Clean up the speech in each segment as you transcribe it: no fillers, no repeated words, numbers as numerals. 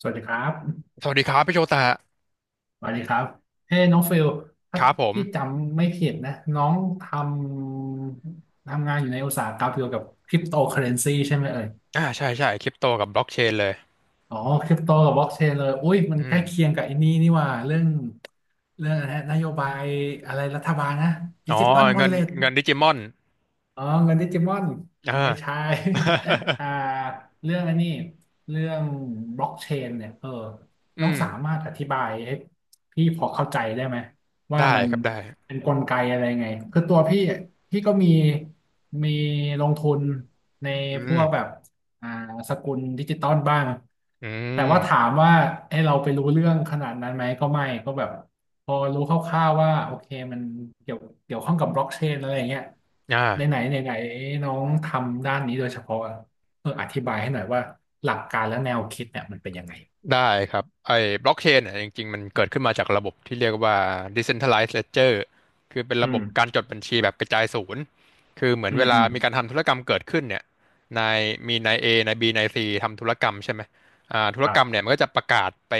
สวัสดีครับสวัสดีครับพี่โชตะสวัสดีครับเฮ้น้องฟิล ถ้าครับผมพี่จำไม่ผิดนะ น้องททำงานอยู่ในอุตสาหกรรมเกี่ยวกับคริปโตเคอเรนซีใช่ไหมเอ่ยใช่ใช่คริปโตกับบล็อกเชนเลยอ๋อคริปโตกับบล็อกเชนเลย อุ้ย มันอืใกมล้เคียงกับไอ้นี่นี่หว่าเรื่องอะไรนะนโยบายอะไรรัฐบาลนะดิอ๋อจิตอลวอเงิลนเล็ต เงินดิจิมอนอ๋อเงินดิจิมอนอ่า ไม่ใช่ อ่า เรื่องอันนี้เรื่องบล็อกเชนเนี่ยเอออืน้องมสามารถอธิบายให้พี่พอเข้าใจได้ไหมว่าได้มันครับได้เป็นกลไกอะไรไงคือตัวพี่อ่ะพี่ก็มีลงทุนในอืพวมกแบบอ่าสกุลดิจิตอลบ้างอืแต่ว่าถามมว่าให้เราไปรู้เรื่องขนาดนั้นไหมก็ไม่ก็แบบ พอรู้คร่าวๆว่าโอเคมันเกี่ยวเกี่ยวข้องกับบล็อกเชนอะไรอย่างเงี้ยในไหนอ่า ไหนไหนน้องทำด้านนี้โดยเฉพาะอะเอออธิบายให้หน่อยว่าหลักการและแนวคิดเนี่ยมันเป็นยังไงได้ครับไอ้บล็อกเชนเนี่ยจริงๆมันเกิดขึ้นมาจากระบบที่เรียกว่า decentralized ledger คือเป็นอืระบมบการจดบัญชีแบบกระจายศูนย์คือเหมือนอืเวมลาอืมมีการทำธุรกรรมเกิดขึ้นเนี่ยนายมีนาย A นาย B นาย C ทำธุรกรรมใช่ไหมธุรครักรรมบเนี่ยมันก็จะประกาศไป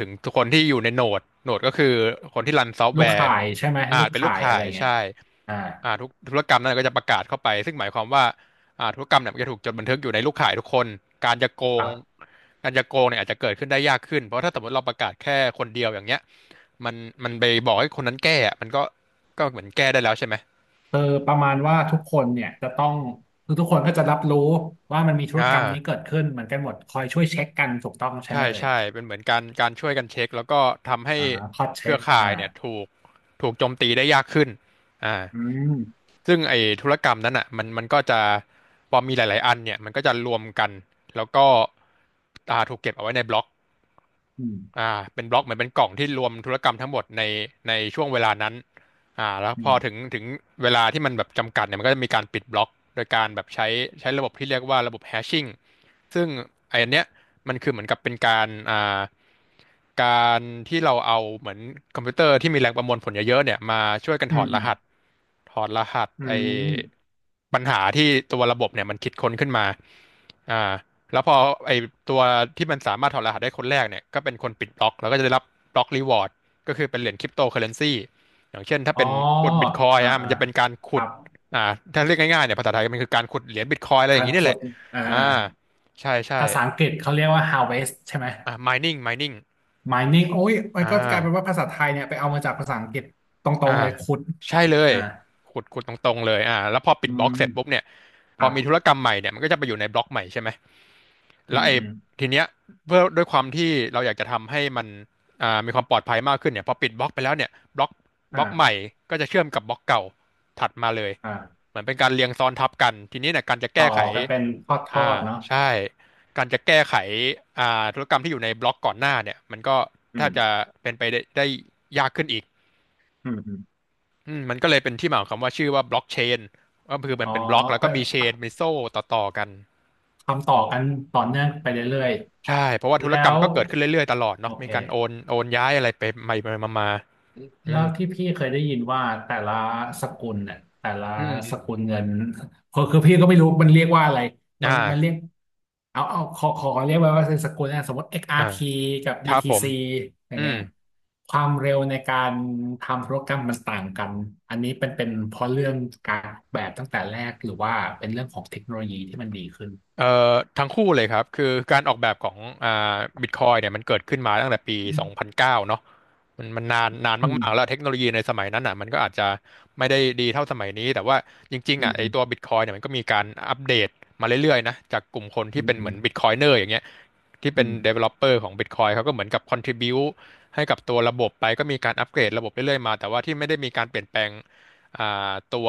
ถึงทุกคนที่อยู่ในโหนดโหนดก็คือคนที่รันซอฟต์ลูแวกร์ข่ายใช่ไหมอาลูจกเป็นลูข่ากยอะข่าไรยเงี้ยใช่อ่าทุกธุรกรรมนั้นก็จะประกาศเข้าไปซึ่งหมายความว่า ธุรกรรมเนี่ยมันจะถูกจดบันทึกอยู่ในลูกข่ายทุกคน การจะโกคงรับการจะโกงเนี่ยอาจจะเกิดขึ้นได้ยากขึ้น เพราะถ้าสมมติเราประกาศแค่คนเดียวอย่างเงี้ย มันมันไปบอกให้คนนั้นแก้อะมันก็เหมือนแก้ได้แล้วใช่ไหมเออประมาณว่าทุกคนเนี่ยจะต้องคือทุกคนก็จะรับรู้ว่ามันมีธุรอ่า กรรมนี้เกิดขึ้นเหมือนกันหมดคอยช่วยเช็คกันถูกต้องใช่ไหมใช่เอ่ยใช่เป็นเหมือนการช่วยกันเช็คแล้วก็ทำให้อ่าคอยเคเช็รือคข่าอ่ายเนี่ยถูกโจมตีได้ยากขึ้นอ่าอืมซึ่งไอ้ธุรกรรมนั้นอ่ะมันก็จะพอมีหลายๆอันเนี่ยมันก็จะรวมกันแล้วก็ถูกเก็บเอาไว้ในบล็อก อือ่ามเป็นบล็อกเหมือนเป็นกล่องที่รวมธุรกรรมทั้งหมดในช่วงเวลานั้นแล้วอืพอถึงมถึงเวลาที่มันแบบจำกัดเนี่ยมันก็จะมีการปิดบล็อกโดยการแบบใช้ระบบที่เรียกว่าระบบแฮชชิ่งซึ่งไออันเนี้ยมันคือเหมือนกับเป็นการการที่เราเอาเหมือนคอมพิวเตอร์ที่มีแรงประมวลผลเยอะๆเนี่ยมาช่วยกันอืถอดม รหัสอืไอมปัญหาที่ตัวระบบเนี่ยมันคิดค้นขึ้นมาอ่า แล้วพอไอตัวที่มันสามารถถอดรหัสได้คนแรกเนี่ยก็เป็นคนปิดบล็อกแล้วก็จะได้รับบล็อกรีวอร์ดก็คือเป็นเหรียญคริปโตเคอเรนซีอย่างเช่นถ้าอ๋อเป็นกดบิตคอยอ่าอ่ะมัอ่านจะเป็นการคขุรัดบอ่าถ้าเรียกง่ายๆเนี่ยภาษาไทยมันคือการขุดเหรียญบิตคอยอะไรอย่าคางนนี้คนี่แหดละอ่าอ่าอ่าใช่ใช่ภาษาอังกฤษเขาเรียกว่า harvest ใช่ไหม อ่า mining mining โอ้ย มันอ่าก็กลายเป็นว่าภาษาไทยเนี่ยไปเอามาจากภาษาอังกฤษตรอ่างๆเลยขุดใช่เลยอ่าขุดขุดตรงๆเลยแล้วพอปิดอืบล็อมกเสร็จปุ๊บเนี่ยคพอรับมีธุรกรรมใหม่เนี่ยมันก็จะไปอยู่ในบล็อกใหม่ใช่ไหม อืแล้วมไอ้อืมทีเนี้ยเพื่อด้วยความที่เราอยากจะทำให้มันมีความปลอดภัยมากขึ้นเนี่ยพอปิดบล็อกไปแล้วเนี่ยบล็อกใหม่อ่าก็จะเชื่อมกับบล็อกเก่าถัดมาเลยอ่าเหมือนเป็นการเรียงซ้อนทับกันทีนี้เนี่ยการจะต่แก้อไขกันเป็นทอดทออ่าดเนาะใช่การจะแก้ไขธุรกรรมที่อยู่ในบล็อกก่อนหน้าเนี่ยมันก็อืแทบมจะเป็นไปได้ยากขึ้นอีกอืมอืมอืมมันก็เลยเป็นที่มาของคำว่าชื่อว่าบล็อกเชนก็คือมัอ๋นอเป็นบล็อกแล้วก็เพื่อมีเชนมีโซ่ต่อๆกัน ทำต่อกันต่อเนื่องไปเรื่อยใช่เพราะว่าๆธุรแล้กรรมวก็เกิดขึ้นเรื่อยๆตลอดโอเนาะมีเค การโอนโอนย้ายอะไรไปไปมามาอืแล้วมที่พี่เคยได้ยินว่าแต่ละสกุลเนี่ยแต่ละอืมอืสกุมลเงินคือคือพี่ก็ไม่รู้มันเรียกว่าอะไรมันเรีอ่ายกเอาขอเรียกไว้ว่าเป็นสกุลนะสมมติ อ่า XRP กซ์อาร์พีกัคบ รับผม BTC อย่าอืงเงี้ม ยความเร็วในการทำธุรกรรมมันต่างกันอันนี้เป็นเพราะเรื่องการออกแบบตั้งแต่แรกหรือว่าเป็นเรื่องของเทคโนโลยีที่มันดีขึ้นเอ่ทั้งคู่เลยครับคือการออกแบบของบิตคอยเนี่ยมันเกิดขึ้นมาตั้งแต่ปี2009เนาะมันนานอืมากๆแล้มวเทคโนโลยีในสมัยนั้นอ่ะมันก็อาจจะไม่ได้ดีเท่าสมัยนี้แต่ว่าจริงอืๆอ่ะไอมตัวบิตคอยเนี่ยมันก็มีการอัปเดตมาเรื่อยๆนะจากกลุ่มคนที่อืเป็นเหมือนบิมตคอยเนอร์อย่างเงี้ยที่อืเป็น ม developer ของ Bitcoin เขาก็เหมือนกับ contribute ให้กับตัวระบบไปก็มีการอัปเกรดระบบเรื่อยๆมาแต่ว่าที่ไม่ได้มีการเปลี่ยนแปลง อ่าตัว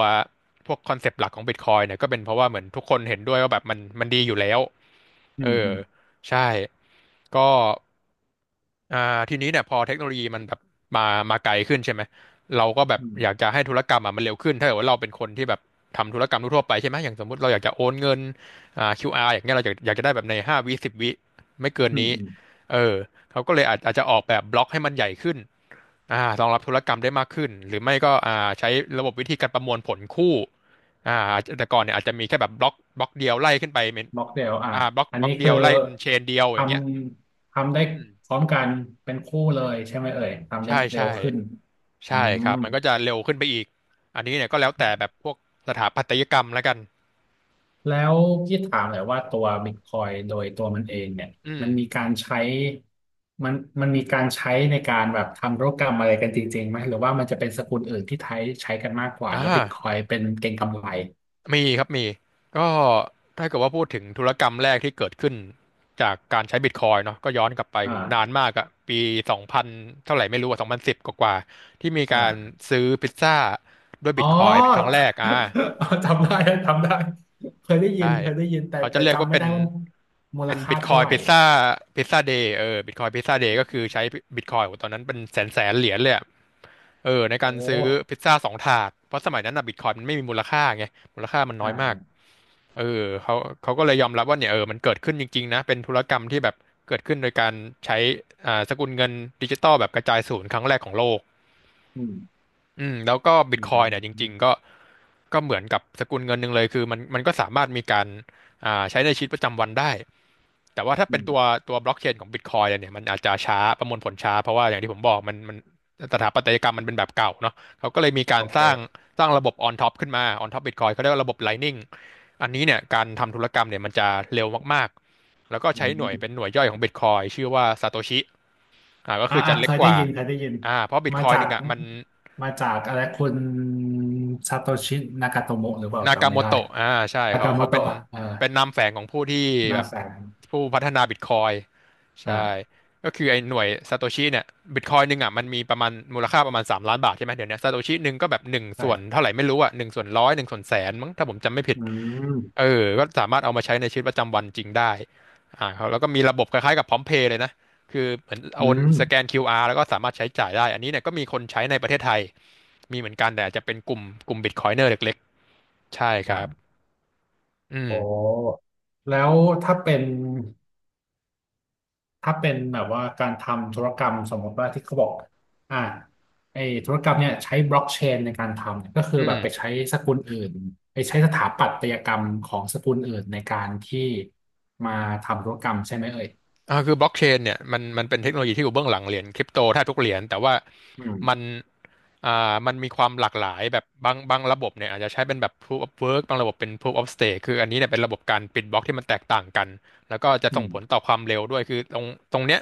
พวกคอนเซปต์หลักของ Bitcoin เนี่ยก็เป็นเพราะว่าเหมือนทุกคนเห็นด้วยว่าแบบมันดีอยู่แล้วอืเอมออืมใช่ก็อ่าทีนี้เนี่ยพอเทคโนโลยีมันแบบมามาไกลขึ้นใช่ไหม เราก็แบบอือยากมจะให้ธุรกรรมอ่ะมันเร็วขึ้นถ้าเกิดว่าเราเป็นคนที่แบบทำธุรกรรมทั่วๆไปใช่ไหมอย่างสมมติเราอยากจะโอนเงินQR อย่างเงี้ยเราอยากจะได้แบบใน5 วิ 10 วิไม่เกินอืมนี้อืม เออเขาก็เลยอาจจะออกแบบบล็อกให้มันใหญ่ขึ้น รองรับธุรกรรมได้มากขึ้นหรือไม่ก็ใช้ระบบวิธีการประมวลผลคู่อ่าแต่ก่อนเนี่ยอาจจะมีแค่แบบบล็อกเดียวไล่ขึ้นไปเป็นม็อกเทลอ่ะบล็อกอันบล็อนี้กเดีคืยอวไล่เป็นเชนเดียวทอย่างเงี้ยทำได้อืมพร้อมกันเป็นคู่เลยใช่ไหมเอ่ยทำได้ใช่เร็ใช่วขึ้นอืใช่คมรับมันก็จะเร็วขึ้นไปอีกอันนี้เนี่ยก็แล้วแต่แบบพวกสถาปัตยกรรมแล้วกันแล้วพี่ถามหน่อยว่าตัวบิตคอยโดยตัวมันเองเนี่ยอืมมันมีการใช้ มันมันมีการใช้ในการแบบทำธุรกรรมอะไรกันจริงๆไหมหรือว่ามันจะเป็นสกุลอื่นที่ใช้กันมากกว่าอ่า แล้วบิตคอยเป็นเก็งกำไรมีครับมีก็ถ้าเกิดว่าพูดถึงธุรกรรมแรกที่เกิดขึ้นจากการใช้บิตคอยน์เนาะก็ย้อนกลับไปหูนานอ่ามากอะปีสองพันเท่าไหร่ไม่รู้อะ2010กว่าๆที่มีการอ่า ซื้อพิซซ่าด้วยบิอ๋อ ตคอยน์เป็นครั้งแรกจำได้จำได้เคยได้ยิใช่นเคยได้ยินแต่เขาจะแต่เรียกจำว่าไม่เป็นได้ว่ามูลเป็นค่าบิตคอเท่ายไหร่พิซซ่าพิซซ่าเดย์เออบิตคอยพิซซ่าเดย์ก็คือใช้บิตคอยตอนนั้นเป็นแสนเหรียญเลยอะเออในโอการซื้อพิ้ซซ่า2 ถาดเพราะสมัยนั้นอะบิตคอยมันไม่มีมูลค่าไงมูลค่ามันน้อ่าอยมากอาเออเขาก็เลยยอมรับว่าเนี่ยเออมันเกิดขึ้นจริงๆนะเป็นธุรกรรมที่แบบเกิดขึ้นโดยการใช้สกุลเงินดิจิตอลแบบกระจายศูนย์ครั้งแรกของโลก อืมอืมแล้วก็บิตอืมคออืยเนี่ยจริมงๆก็ก็เหมือนกับสกุลเงินหนึ่งเลยคือมันก็สามารถมีการใช้ในชีวิตประจำวันได้แต่ว่าถ้าอืเป็นตัมวตัวบล็อกเชนของบิตคอยเนี่ยมันอาจจะช้าประมวลผลช้าเพราะว่าอย่างที่ผมบอกมันสถาปัตยกรรมมันเป็นแบบเก่าเนาะเขาก็เลยมีกาโอรสเคร้างสร้างระบบออนท็อปขึ้นมาออนท็อปบิตคอยเขาเรียกว่าระบบไลนิ่งอันนี้เนี่ยการทำธุรกรรมเนี่ยมันจะเร็วมากๆแล้วก็อืใช้หน่วยเป็นหมน่วยย่อยของบิตคอยชื่อว่าซาโตชิก็อ่าคือจะอ่าเล็เคกยกได้ว่ายินเคยได้ยินเพราะบิตมาคอยจานึกงอ่ะมัน มาจากอะไรคุณซาโตชินากาโตโมะหรือเปล่านากาจำไม่โมได้โตะใช่นาเขากาโมเขาเป็โตะนอ่าเป็นนามแฝงของผู้ที่แบนาบแสงผู้พัฒนาบิตคอยใช่อ่าก็คือไอ้หน่วยซาโตชิเนี่ยบิตคอยหนึ่งอ่ะมันมีประมาณมูลค่าประมาณ3 ล้านบาทใช่ไหมเดี๋ยวเนี้ซาโตชิหนึ่งก็แบบหนึ่งส่วนใช่เท่าไหร่ไม่รู้อ่ะ1/1001/100000มั้งถ้าผมจำไม่ผิดอืเอมอก็สามารถเอามาใช้ในชีวิตประจำวันจริงได้เขาแล้วก็มีระบบคล้ายๆกับพร้อมเพย์เลยนะ คือเหมือนโออืนมสแกน QR แล้วก็สามารถใช้จ่ายได้อันนี้เนี่ยก็มีคนใช้ในประเทศไทยมีเหมือนกันแต่อาจจะเป็นกลุ่มบิตคอยเนอร์เล็กๆใช่คอ่รับ าอืมโอ้แล้วถ้าเป็น ถ้าเป็นแบบว่าการทำธุรกรรมสมมติว่าที่เขาบอกอ่าไอ้ธุรกรรมเนี่ยใช้บล็อกเชนในการทำเนี่ยก็คืออืแบมบไปใช้สกุลอื่นไปใช้สถาปัตยกรรมของสกุลอื่นในการที่มาทำธุรกรรมใช่ไหมเอ่ยคือบล็อกเชนเนี่ยมันเป็นเทคโนโลยีที่อยู่เบื้องหลังเหรียญคริปโตแทบทุกเหรียญแต่ว่าอืมมัน อ่ามันมีความหลากหลายแบบบางระบบเนี่ยอาจจะใช้เป็นแบบ proof of work บางระบบเป็น proof of stake คืออันนี้เนี่ยเป็นระบบการปิดบล็อกที่มันแตกต่างกันแล้วก็จะอืส่งมผลต่อความเร็วด้วยคือตรงเนี้ย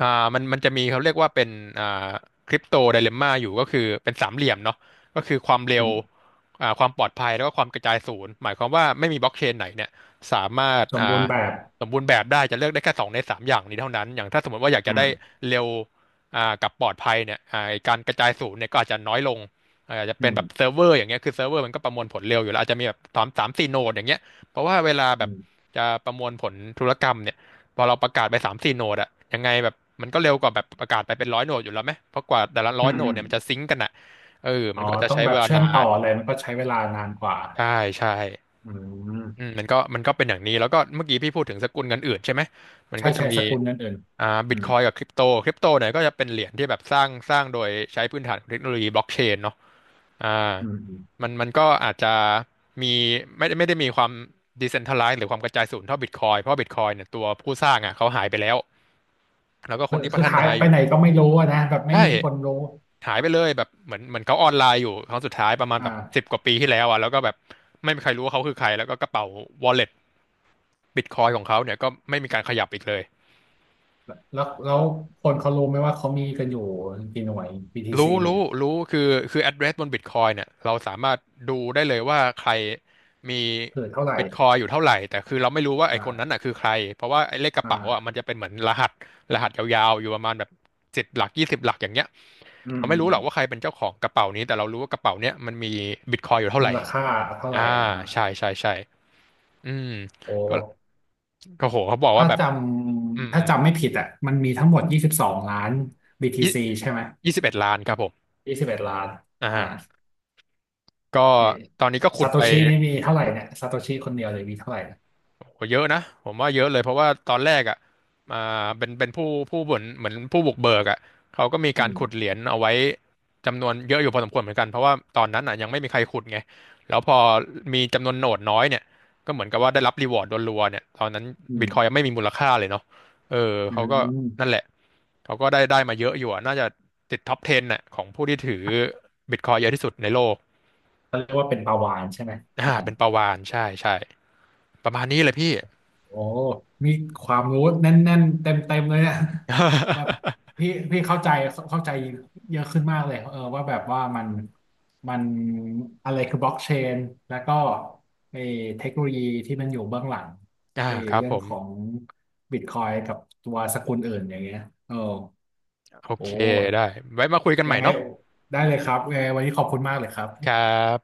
อ่ามันมันจะมีเขาเรียกว่าเป็นอ่าคริปโตไดเลมม่าอยู่ก็คือเป็นสามเหลี่ยมเนาะก็คือความเร็อืวมความปลอดภัยแล้วก็ความกระจายศูนย์หมายความว่าไม่มีบล็อกเชนไหนเนี่ยสามารถสมบูรณ์แบบสมบูรณ์แบบได้จะเลือกได้แค่สองในสามอย่างนี้เท่านั้นอย่างถ้าสมมติว่าอยากอืจะได้มเร็ว กับปลอดภัยเนี่ยไอ้การกระจายศูนย์เนี่ยก็อาจจะน้อยลงอาจจะอืเป็นแบบเซิมร์ฟเวอร์อย่างเงี้ยคือเซิร์ฟเวอร์มันก็ประมวลผลเร็วอยู่แล้วอาจจะมีแบบสามสี่โนดอย่างเงี้ยเพราะว่าเวลาแบอืบมจะประมวลผลธุรกรรมเนี่ยพอเราประกาศไปสามสี่โนดอะยังไงแบบมันก็เร็วกว่าแบบประกาศไปเป็นร้อยโนดอยู่แล้วไหมเพราะกว่าแต่ละร้อือยมโนอืดมเนี่ยมันจะซิงก์กันอะเออมัอ๋อนก็จะต้องใช้แบเวบลาเชื่อนามต่อนอะไรมันก็ใช้เวลานานกว่าใช่ใช่ อือืมมมันก็เป็นอย่างนี้แล้วก็เมื่อกี้พี่พูดถึงสกุลเงินอื่นใช่ไหมมันใช่ก็จะใช่สมีกุลนั้นอื่นบิอืตมคอยกับคริปโตเนี่ยก็จะเป็นเหรียญที่แบบสร้างโดยใช้พื้นฐานของเทคโนโลยีบล็อกเชนเนาะอ่าอืมอืมมันก็อาจจะมีไม่ได้มีความดิเซนท r a ไลซ์หรือความกระจายศูนย์เท่าบิตคอยเพราะบิตคอยเนี่ยตัวผู้สร้างอ่ะเขาหายไปแล้วแล้วก็คคืนอที่พัคือฒหานายอไปยู่ไหนก็ไม่รู้อะนะแบบไม่ใช่มีคนรู้หายไปเลยแบบเหมือนเขาออนไลน์อยู่ครั้งสุดท้ายประมาณแบบสิบอ่า กว่าปีที่แล้วอ่ะแล้วก็แบบไม่มีใครรู้ว่าเขาคือใครแล้วก็กระเป๋า wallet บิตคอยของเขาเนี่ยก็ไม่มีการขยับอีกเลยแล้วแล้วคนเขารู้ไหมว่าเขามีกันอยู่กี่หน่วย BTC รู้รู้อะรู้คือ address บนบิตคอยเนี่ยเราสามารถดูได้เลยว่าใครมีเกิดเท่าไหร่บิตคอยอยู่เท่าไหร่แต่คือเราไม่รู้ว่าไอคนนั้นอ่าน่ะคือใครเพราะว่าไอเลขกระเป๋าอ่ะอ่ามันจะเป็นเหมือนรหัสรหัสยาวๆอยู่ประมาณแบบสิบหลักยี่สิบหลักอย่างเงี้ยอืมเราอืไม่มรู้อืหรอมกว่าใครเป็นเจ้าของกระเป๋านี้แต่เรารู้ว่ากระเป๋าเนี้ยมันมีบิตคอยอยู่เท่าไหมูร่ลค่าเท่าไหร่อ่าอ่าใช่ใช่ใช่อืมโอก็้ก็โหเขาบอกว่าถ้าแบบจอืมำถ้าอืมจำไม่ผิดอ่ะมันมีทั้งหมด22 ล้าน ยี่ BTC ใช่ไหมยี่สิบเอ็ดล้านครับผม21 ล้านอ่าอ่า ก็เอตอนนี้ก็ขุซาดโตไปชินี่มีเท่าไหร่เนี่ยซาโตชิคนเดียวเลยมีเท่าไหร่นะโหเยอะนะผมว่าเยอะเลยเพราะว่าตอนแรกอ่ะมาเป็นผู้เหมือนผู้บุกเบิกอ่ะเขาก็มีอืการขุดเหมรียญเอาไว้จำนวนเยอะอยู่พอสมควรเหมือนกันเพราะว่าตอนนั้นอ่ะยังไม่มีใครขุดไงแล้วพอมีจำนวนโหนดน้อยเนี่ยก็เหมือนกับว่าได้รับรีวอร์ดรัวๆเนี่ยตอนนั้นอืบิตคอยมยังไม่มีมูลค่าเลยเนาะเอออืเขาก็นั่นแหมละเขาก็ได้มาเยอะอยู่อะน่าจะติดท็อป10น่ะของผู้ที่ถือบิตคอยเยอะที่สุดในโลกเขาเรียกว่าเป็นปลาวาฬใช่ไหม อ่าเป็นประวานใช่ใช่ประมาณนี้เลยพี่ โอ้ มีความรู้แน่นๆเต็มๆเลยเนี่ย แบบ พี่เข้าใจเยอะขึ้นมากเลยเออว่าแบบว่ามันมันอะไรคือบล็อกเชนแล้วก็ไอ้เทคโนโลยีที่มันอยู่เบื้องหลังอ่าไอ้ครับเรื่อผงมของบิตคอยกับตัวสกุลอื่นอย่างเงี้ยเออโอโอเคได้้ไว้มาคุยกันใหยัม่งไงเนาะได้เลยครับยังไงวันนี้ขอบคุณมากเลยครับครับ